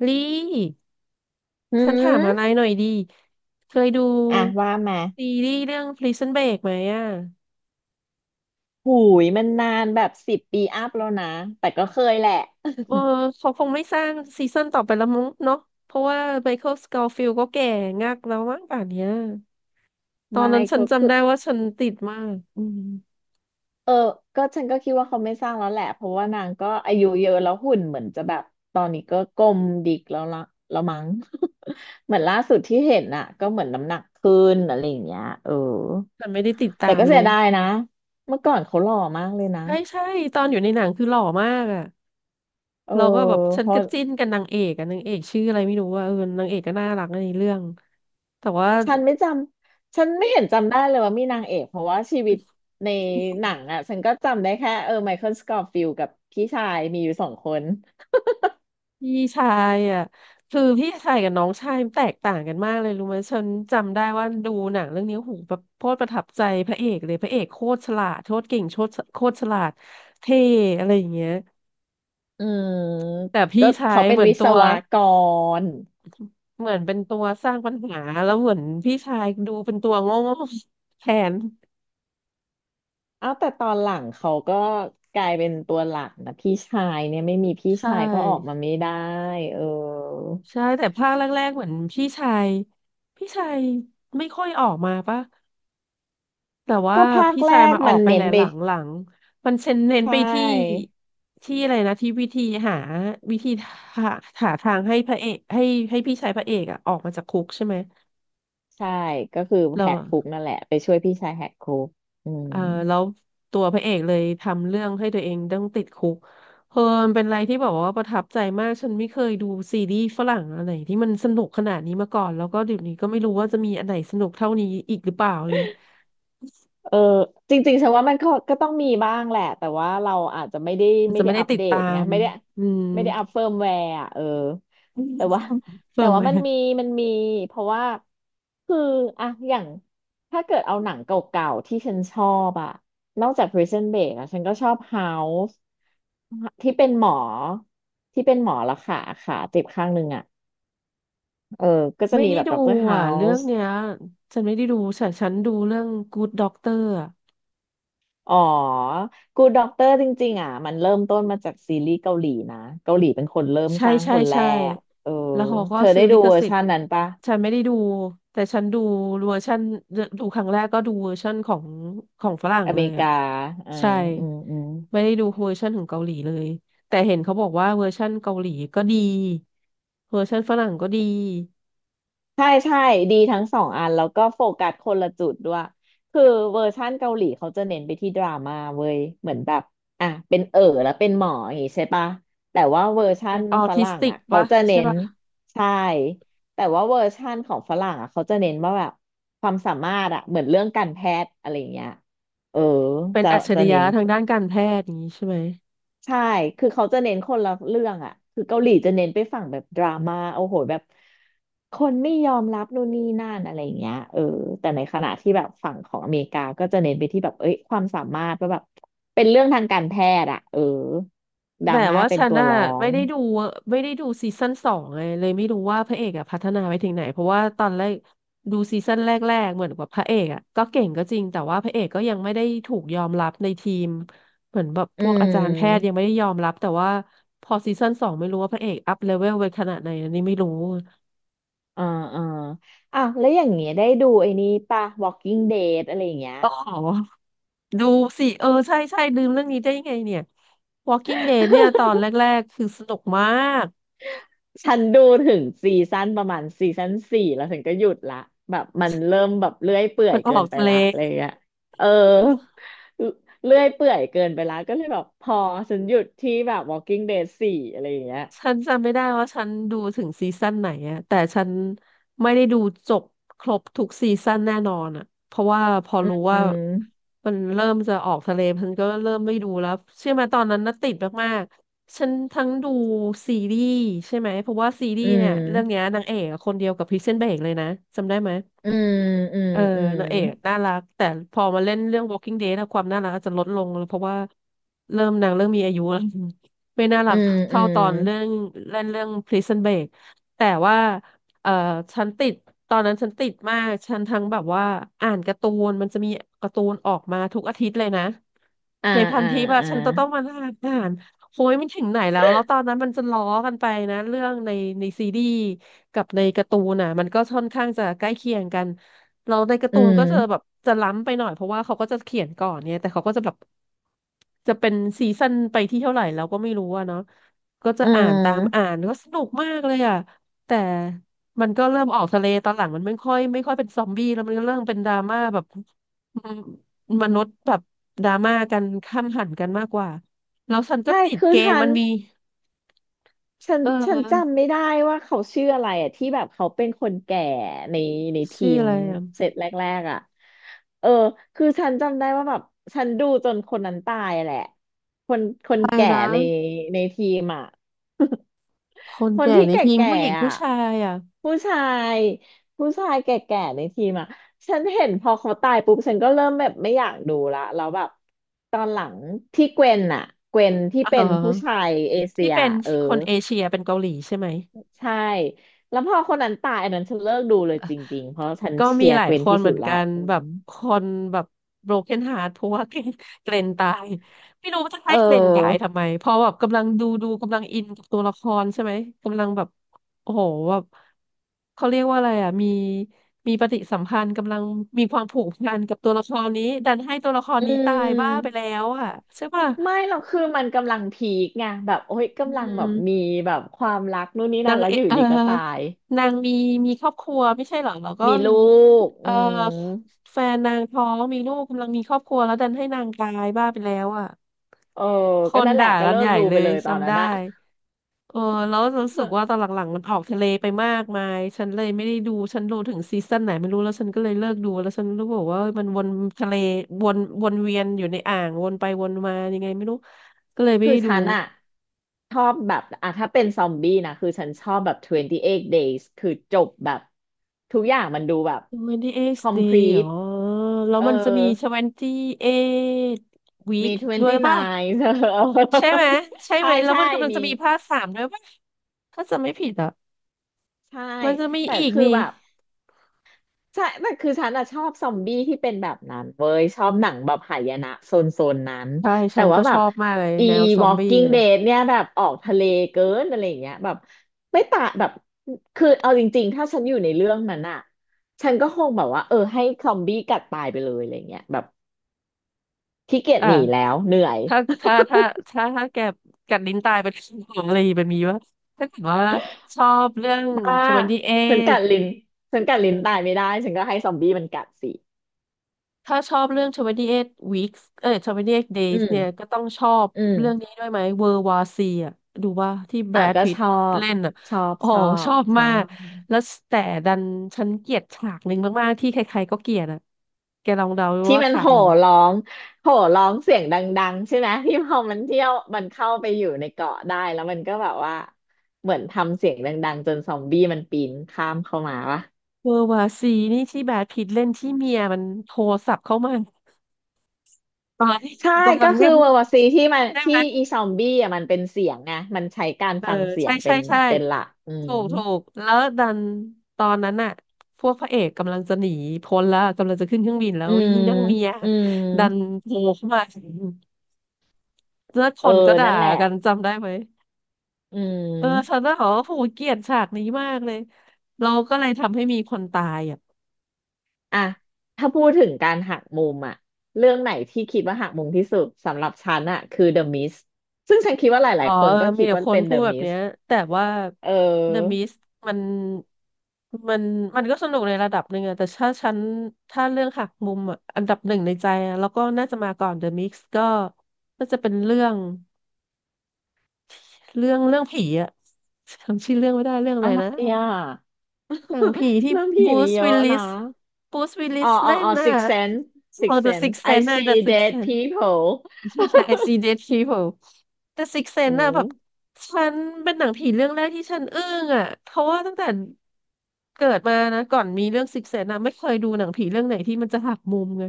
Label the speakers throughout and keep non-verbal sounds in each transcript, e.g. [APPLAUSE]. Speaker 1: ลี่
Speaker 2: อื
Speaker 1: ฉันถาม
Speaker 2: ม
Speaker 1: อะไรหน่อยดี เคยดู
Speaker 2: อ่ะว่ามา
Speaker 1: ซีรีส์เรื่อง Prison Break ไหมอ่ะ
Speaker 2: หูยมันนานแบบ10 ปีอัพแล้วนะแต่ก็เคยแหละ
Speaker 1: เออเขาคงไม่สร้างซีซั่นต่อไปแล้วมั้งเนาะเพราะว่าไมเคิลสก f ฟิล d ก็แก่งักแล้วมั้งป่านเนี้ยตอน
Speaker 2: ไม่
Speaker 1: นั้นฉัน
Speaker 2: ก็คื
Speaker 1: จำ
Speaker 2: อ
Speaker 1: ได้ว่าฉันติดมากอืม
Speaker 2: เออก็ฉันก็คิดว่าเขาไม่สร้างแล้วแหละเพราะว่านางก็อายุเยอะแล้วหุ่นเหมือนจะแบบตอนนี้ก็กลมดิกแล้วละแล้วมั้ง [LAUGHS] เหมือนล่าสุดที่เห็นน่ะก็เหมือนน้ำหนักขึ้นอะไรอย่างเงี้ยเออ
Speaker 1: ฉันไม่ได้ติดตา
Speaker 2: แต่
Speaker 1: ม
Speaker 2: ก็
Speaker 1: เล
Speaker 2: เสีย
Speaker 1: ย
Speaker 2: ดายนะเมื่อก่อนเขาหล่อมากเลยนะ
Speaker 1: ใช่ใช่ตอนอยู่ในหนังคือหล่อมากอ่ะ
Speaker 2: เออ
Speaker 1: เราก็แบบฉั
Speaker 2: พ
Speaker 1: น
Speaker 2: อ
Speaker 1: ก็จิ้นกับนางเอกอ่ะนางเอกชื่ออะไรไม่รู้ว่าเออนางเอกก็น่ารักในเรื่องแต่ว่า
Speaker 2: ฉันไม่จฉันไม่เห็นจำได้เลยว่ามีนางเอกเพราะว่าชีวิตในหนังอ่ะฉันก็จำได้แค่เออไมเคิลสกอ f ฟิลกับพี่ชายมีอยู่สองคน
Speaker 1: พี่ชายอ่ะคือพี่ชายกับน้องชายมันแตกต่างกันมากเลยรู้ไหมฉันจำได้ว่าดูหนังเรื่องนี้โอ้โหูแบบโคตรประทับใจพระเอกเลยพระเอกโคตรฉลาดโคตรเก่งโคตรโคตรฉลาดเท่อะไรอย่างเงี้ย
Speaker 2: อืม
Speaker 1: แต่พี่
Speaker 2: ก็
Speaker 1: ชา
Speaker 2: เขา
Speaker 1: ย
Speaker 2: เป็
Speaker 1: เห
Speaker 2: น
Speaker 1: มือน
Speaker 2: วิศ
Speaker 1: ตัว
Speaker 2: วกร
Speaker 1: เหมือนเป็นตัวสร้างปัญหาแล้วเหมือนพี่ชายดูเป็นตัวโง่ๆแทน
Speaker 2: เอ้าแต่ตอนหลังเขาก็กลายเป็นตัวหลักนะพี่ชายเนี่ยไม่มีพี่
Speaker 1: ใช
Speaker 2: ชายก็ออก
Speaker 1: ่
Speaker 2: มาไม่ได้เออ
Speaker 1: ใช่แต่ภาคแรกๆเหมือนพี่ชายพี่ชายไม่ค่อยออกมาปะ แต่ว่า
Speaker 2: ก็ภาค
Speaker 1: พี่
Speaker 2: แร
Speaker 1: ชาย
Speaker 2: ก
Speaker 1: มาออ
Speaker 2: มัน
Speaker 1: กไปแห
Speaker 2: เน้น
Speaker 1: ละ
Speaker 2: ไป
Speaker 1: หลังหลังมันเน้น
Speaker 2: ใช
Speaker 1: ไปที่
Speaker 2: ่
Speaker 1: อะไรนะที่วิธีหาวิธีหาหาทางให้พระเอกให้ให้พี่ชายพระเอกอะออกมาจากคุกใช่ไหม
Speaker 2: ใช่ก็คือ
Speaker 1: แล้
Speaker 2: แห
Speaker 1: ว
Speaker 2: กคุกนั่นแหละไปช่วยพี่ชายแหกคุกอืม
Speaker 1: เอ่อแล้วตัวพระเอกเลยทำเรื่องให้ตัวเองต้องติดคุกเออมันเป็นอะไรที่แบบว่าประทับใจมากฉันไม่เคยดูซีรีส์ฝรั่งอะไรที่มันสนุกขนาดนี้มาก่อนแล้วก็เดี๋ยวนี้ก็ไม่รู้ว่าจะมีอันไหนสนุกเท่านี้อีกหรือเปล่าเลย
Speaker 2: เออจริงๆฉันว่ามันก็ก็ต้องมีบ้างแหละแต่ว่าเราอาจจะไม่ได้
Speaker 1: อาจ
Speaker 2: ไม่
Speaker 1: จะ
Speaker 2: ได้
Speaker 1: ไม่ได้
Speaker 2: อัป
Speaker 1: ติด
Speaker 2: เด
Speaker 1: ตา
Speaker 2: ตไง
Speaker 1: ม
Speaker 2: ไม่ได้
Speaker 1: อืม
Speaker 2: ไม่ได้อัปเฟิร์มแวร์อ่ะเออแต่ว่า
Speaker 1: [LAUGHS] เฟิ
Speaker 2: แต่
Speaker 1: ร์ม
Speaker 2: ว่า
Speaker 1: ไหม
Speaker 2: มันมีเพราะว่าคืออะอย่างถ้าเกิดเอาหนังเก่าๆที่ฉันชอบอะนอกจาก Prison Break อะฉันก็ชอบ House ที่เป็นหมอที่เป็นหมอละค่ะขาเจ็บข้างหนึงอะเออก็จะ
Speaker 1: ไม่
Speaker 2: มี
Speaker 1: ได้
Speaker 2: แบบ
Speaker 1: ดู
Speaker 2: d เตอร r
Speaker 1: อ่ะเรื่อง
Speaker 2: House
Speaker 1: เนี้ยฉันไม่ได้ดูฉันฉันดูเรื่อง Good Doctor อ่ะ
Speaker 2: อ๋อ Good Doctor จริงๆอ่ะ มันเริ่มต้นมาจากซีรีส์เกาหลีนะ เกาหลีเป็นคนเริ่ม
Speaker 1: ใช่
Speaker 2: สร้าง
Speaker 1: ใช่
Speaker 2: คนแร
Speaker 1: ใช่
Speaker 2: กเออ
Speaker 1: แล้วเขาก็
Speaker 2: เธอได้
Speaker 1: ซื้อลิ
Speaker 2: ดู
Speaker 1: ข
Speaker 2: เวอร์
Speaker 1: สิท
Speaker 2: ชั
Speaker 1: ธิ์
Speaker 2: นนั้นปะ
Speaker 1: ฉันไม่ได้ดูแต่ฉันดูเวอร์ชันดูครั้งแรกก็ดูเวอร์ชันของของฝรั่ง
Speaker 2: อ
Speaker 1: เล
Speaker 2: เม
Speaker 1: ย
Speaker 2: ริ
Speaker 1: อ่ะ
Speaker 2: กาอื
Speaker 1: ใช่
Speaker 2: มอืมอืม
Speaker 1: ไม่ได้ดูเวอร์ชันของเกาหลีเลยแต่เห็นเขาบอกว่าเวอร์ชันเกาหลีก็ดีเวอร์ชันฝรั่งก็ดี
Speaker 2: ใช่ใช่ดีทั้งสองอันแล้วก็โฟกัสคนละจุดด้วยคือเวอร์ชั่นเกาหลีเขาจะเน้นไปที่ดราม่าเว้ยเหมือนแบบอ่ะเป็นเอ๋อแล้วเป็นหมออย่างงี้ใช่ปะแต่ว่าเวอร์ชั่
Speaker 1: เป็
Speaker 2: น
Speaker 1: นออ
Speaker 2: ฝ
Speaker 1: ทิส
Speaker 2: รั่ง
Speaker 1: ติก
Speaker 2: อ่ะเขา
Speaker 1: ปะ
Speaker 2: จะ
Speaker 1: ใช่
Speaker 2: เน้น
Speaker 1: ปะ
Speaker 2: ใช่แต่ว่าเวอร์ชั่นของฝรั่งอ่ะเขาจะเน้นว่าแบบความสามารถอ่ะเหมือนเรื่องการแพทย์อะไรอย่างเงี้ยเออ
Speaker 1: เป็น
Speaker 2: จะ
Speaker 1: อัจฉ
Speaker 2: จะ
Speaker 1: ริ
Speaker 2: เน้
Speaker 1: ยะ
Speaker 2: น
Speaker 1: ทางด้านการแพทย์อย่างนี้ใช่ไหม
Speaker 2: ใช่ คือเขาจะเน้นคนละเรื่องอ่ะคือเกาหลีจะเน้นไปฝั่งแบบดราม่าโอ้โหแบบคนไม่ยอมรับนู่นนี่นั่นอะไรอย่างเงี้ยเออแต่ในขณะที่แบบฝั่งของอเมริกาก็จะเน้นไปที่แบบเอ้ยความสามารถว่าแบบเป็นเรื่องทางการแพทย์อ่ะเออด
Speaker 1: แต่
Speaker 2: ราม่า
Speaker 1: ว่า
Speaker 2: เป็น
Speaker 1: ฉัน
Speaker 2: ตัว
Speaker 1: น่ะ
Speaker 2: ร้อ
Speaker 1: ไม่
Speaker 2: ง
Speaker 1: ได้ดูซีซั่นสองเลยเลยไม่รู้ว่าพระเอกอะพัฒนาไปถึงไหนเพราะว่าตอนแรกดูซีซั่นแรกๆเหมือนกับพระเอกอะก็เก่งก็จริงแต่ว่าพระเอกก็ยังไม่ได้ถูกยอมรับในทีมเหมือนแบบพ
Speaker 2: อื
Speaker 1: วกอาจารย์แพทย์ยัง
Speaker 2: ม
Speaker 1: ไม่ได้ยอมรับแต่ว่าพอซีซั่นสองไม่รู้ว่าพระเอกอัพเลเวลไปขนาดไหนอันนี้ไม่รู้
Speaker 2: อ่าอ่าอ่ะแล้วอย่างเงี้ยได้ดูไอ้นี่ป่ะ Walking Dead อะไรอย่างเงี้ย
Speaker 1: อ๋อดูสิเออใช่ใช่ลืมเรื่องนี้ได้ยังไงเนี่ย Walking Dead เนี่ยตอนแรกๆคือสนุกมาก
Speaker 2: ฉันดูถึงซีซั่นประมาณซีซั่นสี่แล้วถึงก็หยุดละแบบมันเริ่มแบบเลื่อยเปื่อ
Speaker 1: มั
Speaker 2: ย
Speaker 1: นอ
Speaker 2: เกิ
Speaker 1: อก
Speaker 2: นไป
Speaker 1: ทะเล
Speaker 2: ละอะไรอย่างเงี้ยเออเลื่อยเปื่อยเกินไปละก็เลยแบบพอฉันหยุดที่แบบ Walking Dead สี่อะไรอย่างเงี้ย
Speaker 1: ฉันจำไม่ได้ว่าฉันดูถึงซีซั่นไหนอะแต่ฉันไม่ได้ดูจบครบทุกซีซั่นแน่นอนอะเพราะว่าพอรู้
Speaker 2: อื
Speaker 1: ว่า
Speaker 2: ม
Speaker 1: มันเริ่มจะออกทะเลฉันก็เริ่มไม่ดูแล้วเชื่อไหมตอนนั้นน่ะติดมากๆฉันทั้งดูซีรีส์ใช่ไหมเพราะว่าซีรี
Speaker 2: อื
Speaker 1: ส์เนี่ยเรื่องเนี้
Speaker 2: ม
Speaker 1: ยนางเอกอะคนเดียวกับพริซเซ้นเบรกเลยนะจำได้ไหม
Speaker 2: อืมอืม
Speaker 1: เออ
Speaker 2: อืม
Speaker 1: นางเอกน่ารักแต่พอมาเล่นเรื่อง Walking Dead อะความน่ารักอาจจะลดลงเพราะว่าเริ่มนางเริ่มมีอายุแล้ว [LAUGHS] ไม่น่ารั
Speaker 2: อื
Speaker 1: ก
Speaker 2: มอื
Speaker 1: เท่าต
Speaker 2: ม
Speaker 1: อนเรื่องเล่นเรื่อง Prison Break แต่ว่าเออฉันติดตอนนั้นฉันติดมากฉันทั้งแบบว่าอ่านการ์ตูนมันจะมีการ์ตูนออกมาทุกอาทิตย์เลยนะ
Speaker 2: อ่า
Speaker 1: ในพัน
Speaker 2: อ่า
Speaker 1: ทิปอะ
Speaker 2: อ่า
Speaker 1: ฉันจะต้องมานั่งอ่านโอ้ยมันถึงไหนแล้วแล้วตอนนั้นมันจะล้อกันไปนะเรื่องในซีรีส์กับในการ์ตูนอะมันก็ค่อนข้างจะใกล้เคียงกัน เราในการ์
Speaker 2: อื
Speaker 1: ตูนก็
Speaker 2: ม
Speaker 1: จะแบบจะล้ำไปหน่อยเพราะว่าเขาก็จะเขียนก่อนเนี่ยแต่เขาก็จะแบบจะเป็นซีซั่นไปที่เท่าไหร่เราก็ไม่รู้อะเนาะก็จะ
Speaker 2: อื
Speaker 1: อ่านตามอ่า
Speaker 2: ม
Speaker 1: นก็สนุกมากเลยอะแต่มันก็เริ่มออกทะเลตอนหลังมันไม่ค่อยเป็นซอมบี้แล้วมันก็เริ่มเป็นดราม่าแบบอืมมนุษย์แบบดราม่ากันข้ามหันกันมากกว่าแล้วฉันก็
Speaker 2: ใช่
Speaker 1: ติด
Speaker 2: คือ
Speaker 1: เกม
Speaker 2: ฉั
Speaker 1: มั
Speaker 2: น
Speaker 1: นมี
Speaker 2: ฉัน
Speaker 1: เอ
Speaker 2: ฉัน
Speaker 1: อ
Speaker 2: จำไม่ได้ว่าเขาชื่ออะไรอ่ะที่แบบเขาเป็นคนแก่ในในที
Speaker 1: ชื่อ
Speaker 2: ม
Speaker 1: อะไรอะ
Speaker 2: เซตแรกๆอ่ะเออคือฉันจำได้ว่าแบบฉันดูจนคนนั้นตายแหละคนคน
Speaker 1: ไป
Speaker 2: แก่
Speaker 1: นะ
Speaker 2: ในในทีมอ่ะ
Speaker 1: คน
Speaker 2: [LAUGHS] คน
Speaker 1: แก่
Speaker 2: ที่
Speaker 1: ในทีม
Speaker 2: แก่
Speaker 1: ผู้หญิง
Speaker 2: ๆอ่ะ
Speaker 1: ผู้ชายอ่ะ
Speaker 2: ผู้ชายผู้ชายแก่ๆในทีมอ่ะฉันเห็นพอเขาตายปุ๊บฉันก็เริ่มแบบไม่อยากดูละแล้วแบบตอนหลังที่เกวนอ่ะเกวนที่
Speaker 1: เอ
Speaker 2: เป็
Speaker 1: อ
Speaker 2: นผู้ชายเอเชี
Speaker 1: ที่
Speaker 2: ย
Speaker 1: เป็น
Speaker 2: เออ
Speaker 1: คนเอเชียเป็นเกาหลีใช่ไหม
Speaker 2: ใช่แล้วพอคนนั้นตายอันนั้นฉันเลิกดูเลยจริงๆเพราะฉัน
Speaker 1: ก็
Speaker 2: เชี
Speaker 1: มี
Speaker 2: ย
Speaker 1: ห
Speaker 2: ร์
Speaker 1: ลา
Speaker 2: เก
Speaker 1: ย
Speaker 2: ว
Speaker 1: ค
Speaker 2: น
Speaker 1: น
Speaker 2: ที่
Speaker 1: เห
Speaker 2: สุ
Speaker 1: มือ
Speaker 2: ด
Speaker 1: น
Speaker 2: ละ
Speaker 1: กัน
Speaker 2: อื
Speaker 1: แบบ
Speaker 2: ม
Speaker 1: คนแบบ broken heart เพราะว่าเกรนตายไม่รู้ว่าจะ
Speaker 2: เ
Speaker 1: ให้เกรนตาย
Speaker 2: ออ
Speaker 1: ทำไมเพราะแบบกำลังดูกำลังอินกับตัวละครใช่ไหมกำลังแบบโอ้โหแบบเขาเรียกว่าอะไรอ่ะมีปฏิสัมพันธ์กำลังมีความผูกพันกับตัวละครนี้ดันให้ตัวละคร
Speaker 2: อื
Speaker 1: นี้ตายบ้าไป
Speaker 2: ม
Speaker 1: แล้วอ่ะใช่ป่ะ
Speaker 2: ไม่หรอกคือมันกำลังพีคไงแบบโอ้ย
Speaker 1: อื
Speaker 2: กำลังแบบมี
Speaker 1: ม
Speaker 2: แบบความรักนู่นนี่
Speaker 1: นา
Speaker 2: นั่น
Speaker 1: ง
Speaker 2: แล้วอยู่ดีก็ตาย
Speaker 1: นางมีครอบครัวไม่ใช่เหรอแล้วก็
Speaker 2: มีลูก
Speaker 1: เอ
Speaker 2: อื
Speaker 1: อ
Speaker 2: ม
Speaker 1: แฟนนางท้องมีลูกกำลังมีครอบครัวแล้วดันให้นางตายบ้าไปแล้วอ่ะ
Speaker 2: เออ
Speaker 1: ค
Speaker 2: ก็
Speaker 1: น
Speaker 2: นั่นแห
Speaker 1: ด่า
Speaker 2: ละก็
Speaker 1: กัน
Speaker 2: เลิ
Speaker 1: ให
Speaker 2: ก
Speaker 1: ญ่
Speaker 2: ดู
Speaker 1: เล
Speaker 2: ไป
Speaker 1: ย
Speaker 2: เลยตอน
Speaker 1: จำ
Speaker 2: นั้น
Speaker 1: ได้
Speaker 2: นะ
Speaker 1: เออแล้วรู้สึกว่าตอน
Speaker 2: [LAUGHS]
Speaker 1: หลังๆมันออกทะเลไปมากมายฉันเลยไม่ได้ดูฉันดูถึงซีซั่นไหนไม่รู้แล้วฉันก็เลยเลิกดูแล้วฉันรู้บอกว่ามันวนทะเลวนวนเวียนอยู่ในอ่างวนไปวนมายังไงไม่รู้ก็เลยไม่
Speaker 2: คือ
Speaker 1: ได้ดู
Speaker 2: ฉันอะชอบแบบอะถ้าเป็นซอมบี้นะคือฉันชอบแบบ28 days คือจบแบบทุกอย่างมันดูแบบ
Speaker 1: 28 day อ๋อ
Speaker 2: complete
Speaker 1: แล้ว
Speaker 2: เออ
Speaker 1: มันจะมี 28
Speaker 2: มี
Speaker 1: week ด้วย
Speaker 2: 29
Speaker 1: ป่ะ
Speaker 2: เก้าเธอเอ [LAUGHS]
Speaker 1: ใช่ไหม
Speaker 2: อ
Speaker 1: ใช่ไห
Speaker 2: ใช่
Speaker 1: มแล้ว
Speaker 2: ใช่
Speaker 1: มันกำลัง
Speaker 2: มี
Speaker 1: จะมีภาคสามด้วยป่ะ ถ้าจะไม่ผิดอ่ะ
Speaker 2: ใช่
Speaker 1: มันจะมี
Speaker 2: แต่
Speaker 1: อีก
Speaker 2: คือ
Speaker 1: นี่
Speaker 2: แบบใช่แต่คือฉันอะชอบซอมบี้ที่เป็นแบบนั้นเว้ยชอบหนังแบบหายนะโซนนั้น
Speaker 1: ใช่
Speaker 2: แต่
Speaker 1: ฉัน
Speaker 2: ว่า
Speaker 1: ก็
Speaker 2: แบ
Speaker 1: ช
Speaker 2: บ
Speaker 1: อบมากเลย
Speaker 2: อี
Speaker 1: แนวซอมบี้
Speaker 2: Walking
Speaker 1: เนี่ย
Speaker 2: Dead เนี่ยแบบออกทะเลเกินอะไรอย่างเงี้ยแบบไม่ตาแบบ คือเอาจริงๆถ้าฉันอยู่ในเรื่องนั้นอะฉันก็คงแบบว่าเออให้ซอมบี้กัดตายไปเลยอะไรเงี้ยแบบขี้เกียจ
Speaker 1: อ่ะ
Speaker 2: หนีแล้วเหนื่อย
Speaker 1: ถ้า ถ้า ถ้า ถ้าแกกัดลิ้นตายไปทุกงหมอะไรแบบนี้วะถ้าเกิดว่าชอบเรื่อง
Speaker 2: อ่าฉันกัดลิ้นฉันกัดลิ้น
Speaker 1: 28
Speaker 2: ตายไม่ได้ฉันก็ให้ซอมบี้มันกัดสิ
Speaker 1: ถ้าชอบเรื่อง28 weeks เอ้ย2 s
Speaker 2: อื
Speaker 1: days เนี่ย
Speaker 2: ม
Speaker 1: ก็ต้องชอบ
Speaker 2: อืม
Speaker 1: เรื่องนี้ด้วยไหม World War e อ่ะดูว่าที่แบร
Speaker 2: อ่ะ
Speaker 1: ด
Speaker 2: ก็
Speaker 1: พิต
Speaker 2: ช
Speaker 1: ต์
Speaker 2: อบ
Speaker 1: เล่นอ่ะ
Speaker 2: ชอบ
Speaker 1: โอ้
Speaker 2: ช
Speaker 1: โห
Speaker 2: อ
Speaker 1: ช
Speaker 2: บ
Speaker 1: อบ
Speaker 2: ชอ
Speaker 1: มาก
Speaker 2: บ
Speaker 1: แล้วแต่ดันฉันเกลียดฉากหนึ่งมากๆที่ใครๆก็เกลียดอ่ะแกลองเดาดู
Speaker 2: ที่
Speaker 1: ว่า
Speaker 2: มัน
Speaker 1: ฉาก
Speaker 2: โห่
Speaker 1: ไหน
Speaker 2: ร้องโห่ร้องเสียงดังๆใช่ไหมที่พอมันเที่ยวมันเข้าไปอยู่ในเกาะได้แล้วมันก็แบบว่าเหมือนทำเสียงดังๆจนซอมบี้มันปีนข้ามเข้ามาวะ
Speaker 1: World War C นี่ที่แบรดพิตต์เล่นที่เมียมันโทรศัพท์เข้ามาตอนที่
Speaker 2: ใช่
Speaker 1: กำลั
Speaker 2: ก็
Speaker 1: ง
Speaker 2: คื
Speaker 1: เรี
Speaker 2: อ
Speaker 1: ยบ
Speaker 2: เวอร์วซีที่มัน
Speaker 1: ได้
Speaker 2: ที่
Speaker 1: ไหม
Speaker 2: อีซอมบี้อ่ะมันเป็นเสียงไงมันใช้การ
Speaker 1: เออ
Speaker 2: ฟังเสีย
Speaker 1: ใช่
Speaker 2: งเป็
Speaker 1: ใช่
Speaker 2: น
Speaker 1: ใช่
Speaker 2: เป็นหลักอืม
Speaker 1: ถูกแล้วดันตอนนั้นอะพวกพระเอกกำลังจะหนีพ้นแล้วกำลังจะขึ้นเครื่องบินแล้
Speaker 2: อื
Speaker 1: ว
Speaker 2: ม
Speaker 1: ยิ่งนักเมีย
Speaker 2: อืม
Speaker 1: ดันโผล่เข้ามา [LAUGHS] แล้วค
Speaker 2: เออ
Speaker 1: นก็ด่า
Speaker 2: นั่นแหละ
Speaker 1: กันจำได้ไหม
Speaker 2: อื
Speaker 1: เออฉัน
Speaker 2: ม
Speaker 1: น่ะเหรอโหเกลียดฉากนี้มากเลยเราก็เลยทำให้มีคนตายอ่ะ
Speaker 2: อ่ะถ้าพูดถึงการหักมุมอะเรื่องไหนที่คิดว่าหักมุมที่สุดสำหรับฉันอะคือ The Mist ซึ่งฉันคิดว่าหลา
Speaker 1: อ๋อ
Speaker 2: ยๆคน
Speaker 1: เอ
Speaker 2: ก็
Speaker 1: อมี
Speaker 2: คิด
Speaker 1: แต่
Speaker 2: ว่า
Speaker 1: คน
Speaker 2: เป็น
Speaker 1: พู
Speaker 2: The
Speaker 1: ดแบบเนี้ย
Speaker 2: Mist
Speaker 1: แต่ว่า
Speaker 2: เ
Speaker 1: The
Speaker 2: ออ
Speaker 1: Mist มันมันมันก็สนุกในระดับหนึ่งอะแต่ถ้าฉัน ถ้าเรื่องหักมุมอะอันดับหนึ่งในใจอะแล้วก็น่าจะมาก่อน The Mist ก็จะเป็นเรื่อง เรื่องผีอะจำชื่อเรื่องไม่ได้เรื่องอะ
Speaker 2: อะ
Speaker 1: ไร
Speaker 2: ไร
Speaker 1: นะ
Speaker 2: อ่ะ
Speaker 1: หนังผี
Speaker 2: [LAUGHS]
Speaker 1: ที่
Speaker 2: เรื่องผี
Speaker 1: บู
Speaker 2: มี
Speaker 1: ส
Speaker 2: เย
Speaker 1: วิล
Speaker 2: อะ
Speaker 1: ลิ
Speaker 2: นะ
Speaker 1: สบูสวิลลิ
Speaker 2: อ๋อ
Speaker 1: ส
Speaker 2: อ๋อ
Speaker 1: เล่น
Speaker 2: อ๋อ
Speaker 1: น่ะ
Speaker 2: Six Sense Six
Speaker 1: The
Speaker 2: Sense
Speaker 1: Sixth
Speaker 2: I
Speaker 1: Sense นะ The
Speaker 2: see
Speaker 1: Sixth
Speaker 2: dead
Speaker 1: Sense
Speaker 2: people
Speaker 1: [LAUGHS] I see dead people แต่ Six
Speaker 2: อื
Speaker 1: Sense น่ะแบบ
Speaker 2: ม
Speaker 1: ฉันเป็นหนังผีเรื่องแรกที่ฉันอึ้งอ่ะเพราะว่าตั้งแต่เกิดมานะก่อนมีเรื่อง Six Sense นะไม่เคยดูหนังผีเรื่องไหนที่มันจะหักมุมไง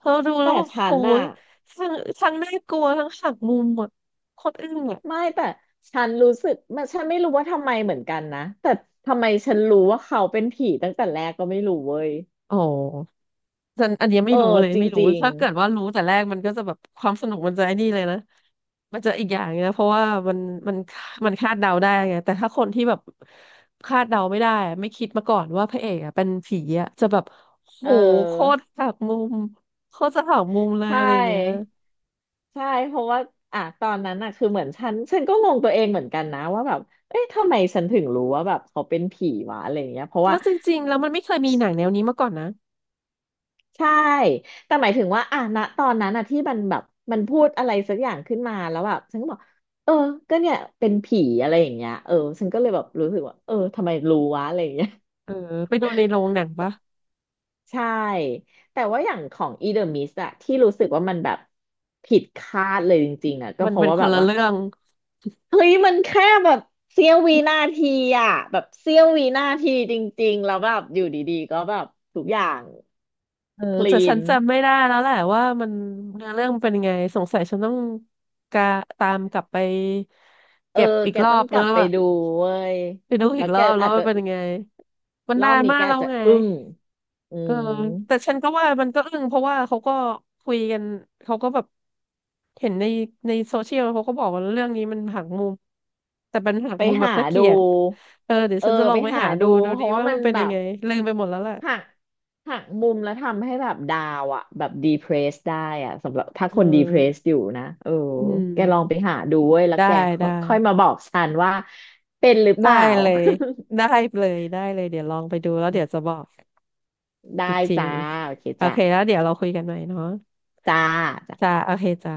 Speaker 1: พอดูแล้ว
Speaker 2: แต่
Speaker 1: แบบ
Speaker 2: ฉั
Speaker 1: โห
Speaker 2: นอะ
Speaker 1: ยทั้งทั้งน่ากลัวทั้งหักมุมอ่ะโคตรอึ้งอ่ะ
Speaker 2: ไม่แต่ฉันรู้สึกมันไม่รู้ว่าทำไมเหมือนกันนะแต่ทำไมฉันรู้ว่าเขาเป็นผีตั้งแต่แรกก็ไม่รู้เว้ย
Speaker 1: อ๋อ อันอันเนี้ย
Speaker 2: เอ
Speaker 1: ไม่
Speaker 2: อ
Speaker 1: รู้เลย
Speaker 2: จ
Speaker 1: ไม่รู้
Speaker 2: ริง
Speaker 1: ถ้าเกิดว่ารู้แต่แรกมันก็จะแบบความสนุกมันจะไอ้นี่เลยนะมันจะอีกอย่างนะเพราะว่ามันมันมันคาดเดาได้ไงแต่ถ้าคนที่แบบคาดเดาไม่ได้ไม่คิดมาก่อนว่าพระเอกอ่ะเป็นผีอ่ะจะแบบโห
Speaker 2: ๆเ
Speaker 1: โค
Speaker 2: ออ
Speaker 1: ตรหักมุมโคตรจะหักมุมเล
Speaker 2: ใช
Speaker 1: ยอะไรอย่างเงี้ย
Speaker 2: ่ใช่เพราะว่าอ่ะตอนนั้นอ่ะคือเหมือนฉันก็งงตัวเองเหมือนกันนะว่าแบบเอ๊ะทำไมฉันถึงรู้ว่าแบบเขาเป็นผีวะอะไรอย่างเงี้ยเพราะ
Speaker 1: แล้
Speaker 2: ว่า
Speaker 1: วจริงๆแล้วมันไม่เคยมีหนังแนวนี้มาก่อนนะ
Speaker 2: ใช่แต่หมายถึงว่าอ่ะณตอนนั้นอ่ะที่มันแบบมันพูดอะไรสักอย่างขึ้นมาแล้วแบบฉันก็บอกเออก็เนี่ยเป็นผีอะไรอย่างเงี้ยเออฉันก็เลยแบบรู้สึกว่าเออทำไมรู้วะอะไรอย่างเงี้ย
Speaker 1: เออไปดูในโรงหนังปะ
Speaker 2: ใช่แต่ว่าอย่างของ e the m ม s สต์อะที่รู้สึกว่ามันแบบผิดคาดเลยจริงๆอะก็
Speaker 1: มัน
Speaker 2: เพราะ
Speaker 1: เป็น
Speaker 2: ว่า
Speaker 1: ค
Speaker 2: แบ
Speaker 1: น
Speaker 2: บ
Speaker 1: ละ
Speaker 2: ว่า
Speaker 1: เรื่อง
Speaker 2: เฮ้ยมันแค่แบบเสี้ยววินาทีอะแบบเสี้ยววินาทีจริงๆแล้วแบบอยู่ดีๆก็แบบทุกอย่าง
Speaker 1: เออ
Speaker 2: ค
Speaker 1: แต่
Speaker 2: ลี
Speaker 1: ฉัน
Speaker 2: น
Speaker 1: จำไม่ได้แล้วแหละว่ามันเนื้อเรื่องมันเป็นยังไงสงสัยฉันต้องกาตามกลับไป
Speaker 2: เออ
Speaker 1: เก็บอีก
Speaker 2: แก
Speaker 1: รอ
Speaker 2: ต้อง
Speaker 1: บ
Speaker 2: ก
Speaker 1: แล้
Speaker 2: ลับ
Speaker 1: ว
Speaker 2: ไป
Speaker 1: อะ
Speaker 2: ดูเว้ย
Speaker 1: ไปดูอี
Speaker 2: แล้
Speaker 1: ก
Speaker 2: ว
Speaker 1: ร
Speaker 2: แก
Speaker 1: อบแล้ว
Speaker 2: อาจจะ
Speaker 1: ว่าเป็นยังไงมัน
Speaker 2: รอ
Speaker 1: นา
Speaker 2: บ
Speaker 1: น
Speaker 2: นี้
Speaker 1: มา
Speaker 2: แก
Speaker 1: กแล้
Speaker 2: อาจ
Speaker 1: ว
Speaker 2: จะ
Speaker 1: ไง
Speaker 2: อึ้งอื
Speaker 1: เออ
Speaker 2: ม
Speaker 1: แต่ฉันก็ว่ามันก็อึ้งเพราะว่าเขาก็คุยกันเขาก็แบบเห็นในโซเชียลเขาก็บอกว่าเรื่องนี้มันหักมุมแต่เป็นหัก
Speaker 2: ไป
Speaker 1: มุมแบบ
Speaker 2: หา
Speaker 1: น่าเกลี
Speaker 2: ดู
Speaker 1: ยดเออเดี๋ยว
Speaker 2: เออ
Speaker 1: ฉันจะลอ
Speaker 2: ไป
Speaker 1: งไป
Speaker 2: หา
Speaker 1: หาดู
Speaker 2: ดู
Speaker 1: ดู
Speaker 2: เพ
Speaker 1: ดี
Speaker 2: ราะว่า
Speaker 1: ว่า
Speaker 2: มั
Speaker 1: มั
Speaker 2: น
Speaker 1: นเป็น
Speaker 2: แบ
Speaker 1: ยัง
Speaker 2: บ
Speaker 1: ไงลืมไปหมดแล้วแหละ
Speaker 2: หักหักมุมแล้วทำให้แบบดาวอ่ะแบบดีเพรสได้อ่ะสำหรับถ้า
Speaker 1: เ
Speaker 2: คนดีเพรส
Speaker 1: ออ
Speaker 2: อยู่นะเออ
Speaker 1: อื
Speaker 2: แกลองไป
Speaker 1: ม
Speaker 2: หาดูเว้ยแล้ว
Speaker 1: ได้
Speaker 2: แกค่อ
Speaker 1: ได้
Speaker 2: ยค่อยมาบอกฉันว่าเป็นหรือเป
Speaker 1: ได้
Speaker 2: ล่า
Speaker 1: เลยได้เลยได้เลยเดี๋ยวลองไปดูแล้วเดี๋ยวจะบอก
Speaker 2: [LAUGHS]
Speaker 1: อี
Speaker 2: ได้
Speaker 1: กที
Speaker 2: จ้าโอเค
Speaker 1: โอ
Speaker 2: จ้า
Speaker 1: เคแล้วเดี๋ยวเราคุยกันใหม่เนาะ
Speaker 2: จ้า
Speaker 1: จ้า
Speaker 2: จ้า
Speaker 1: โอเคจ้า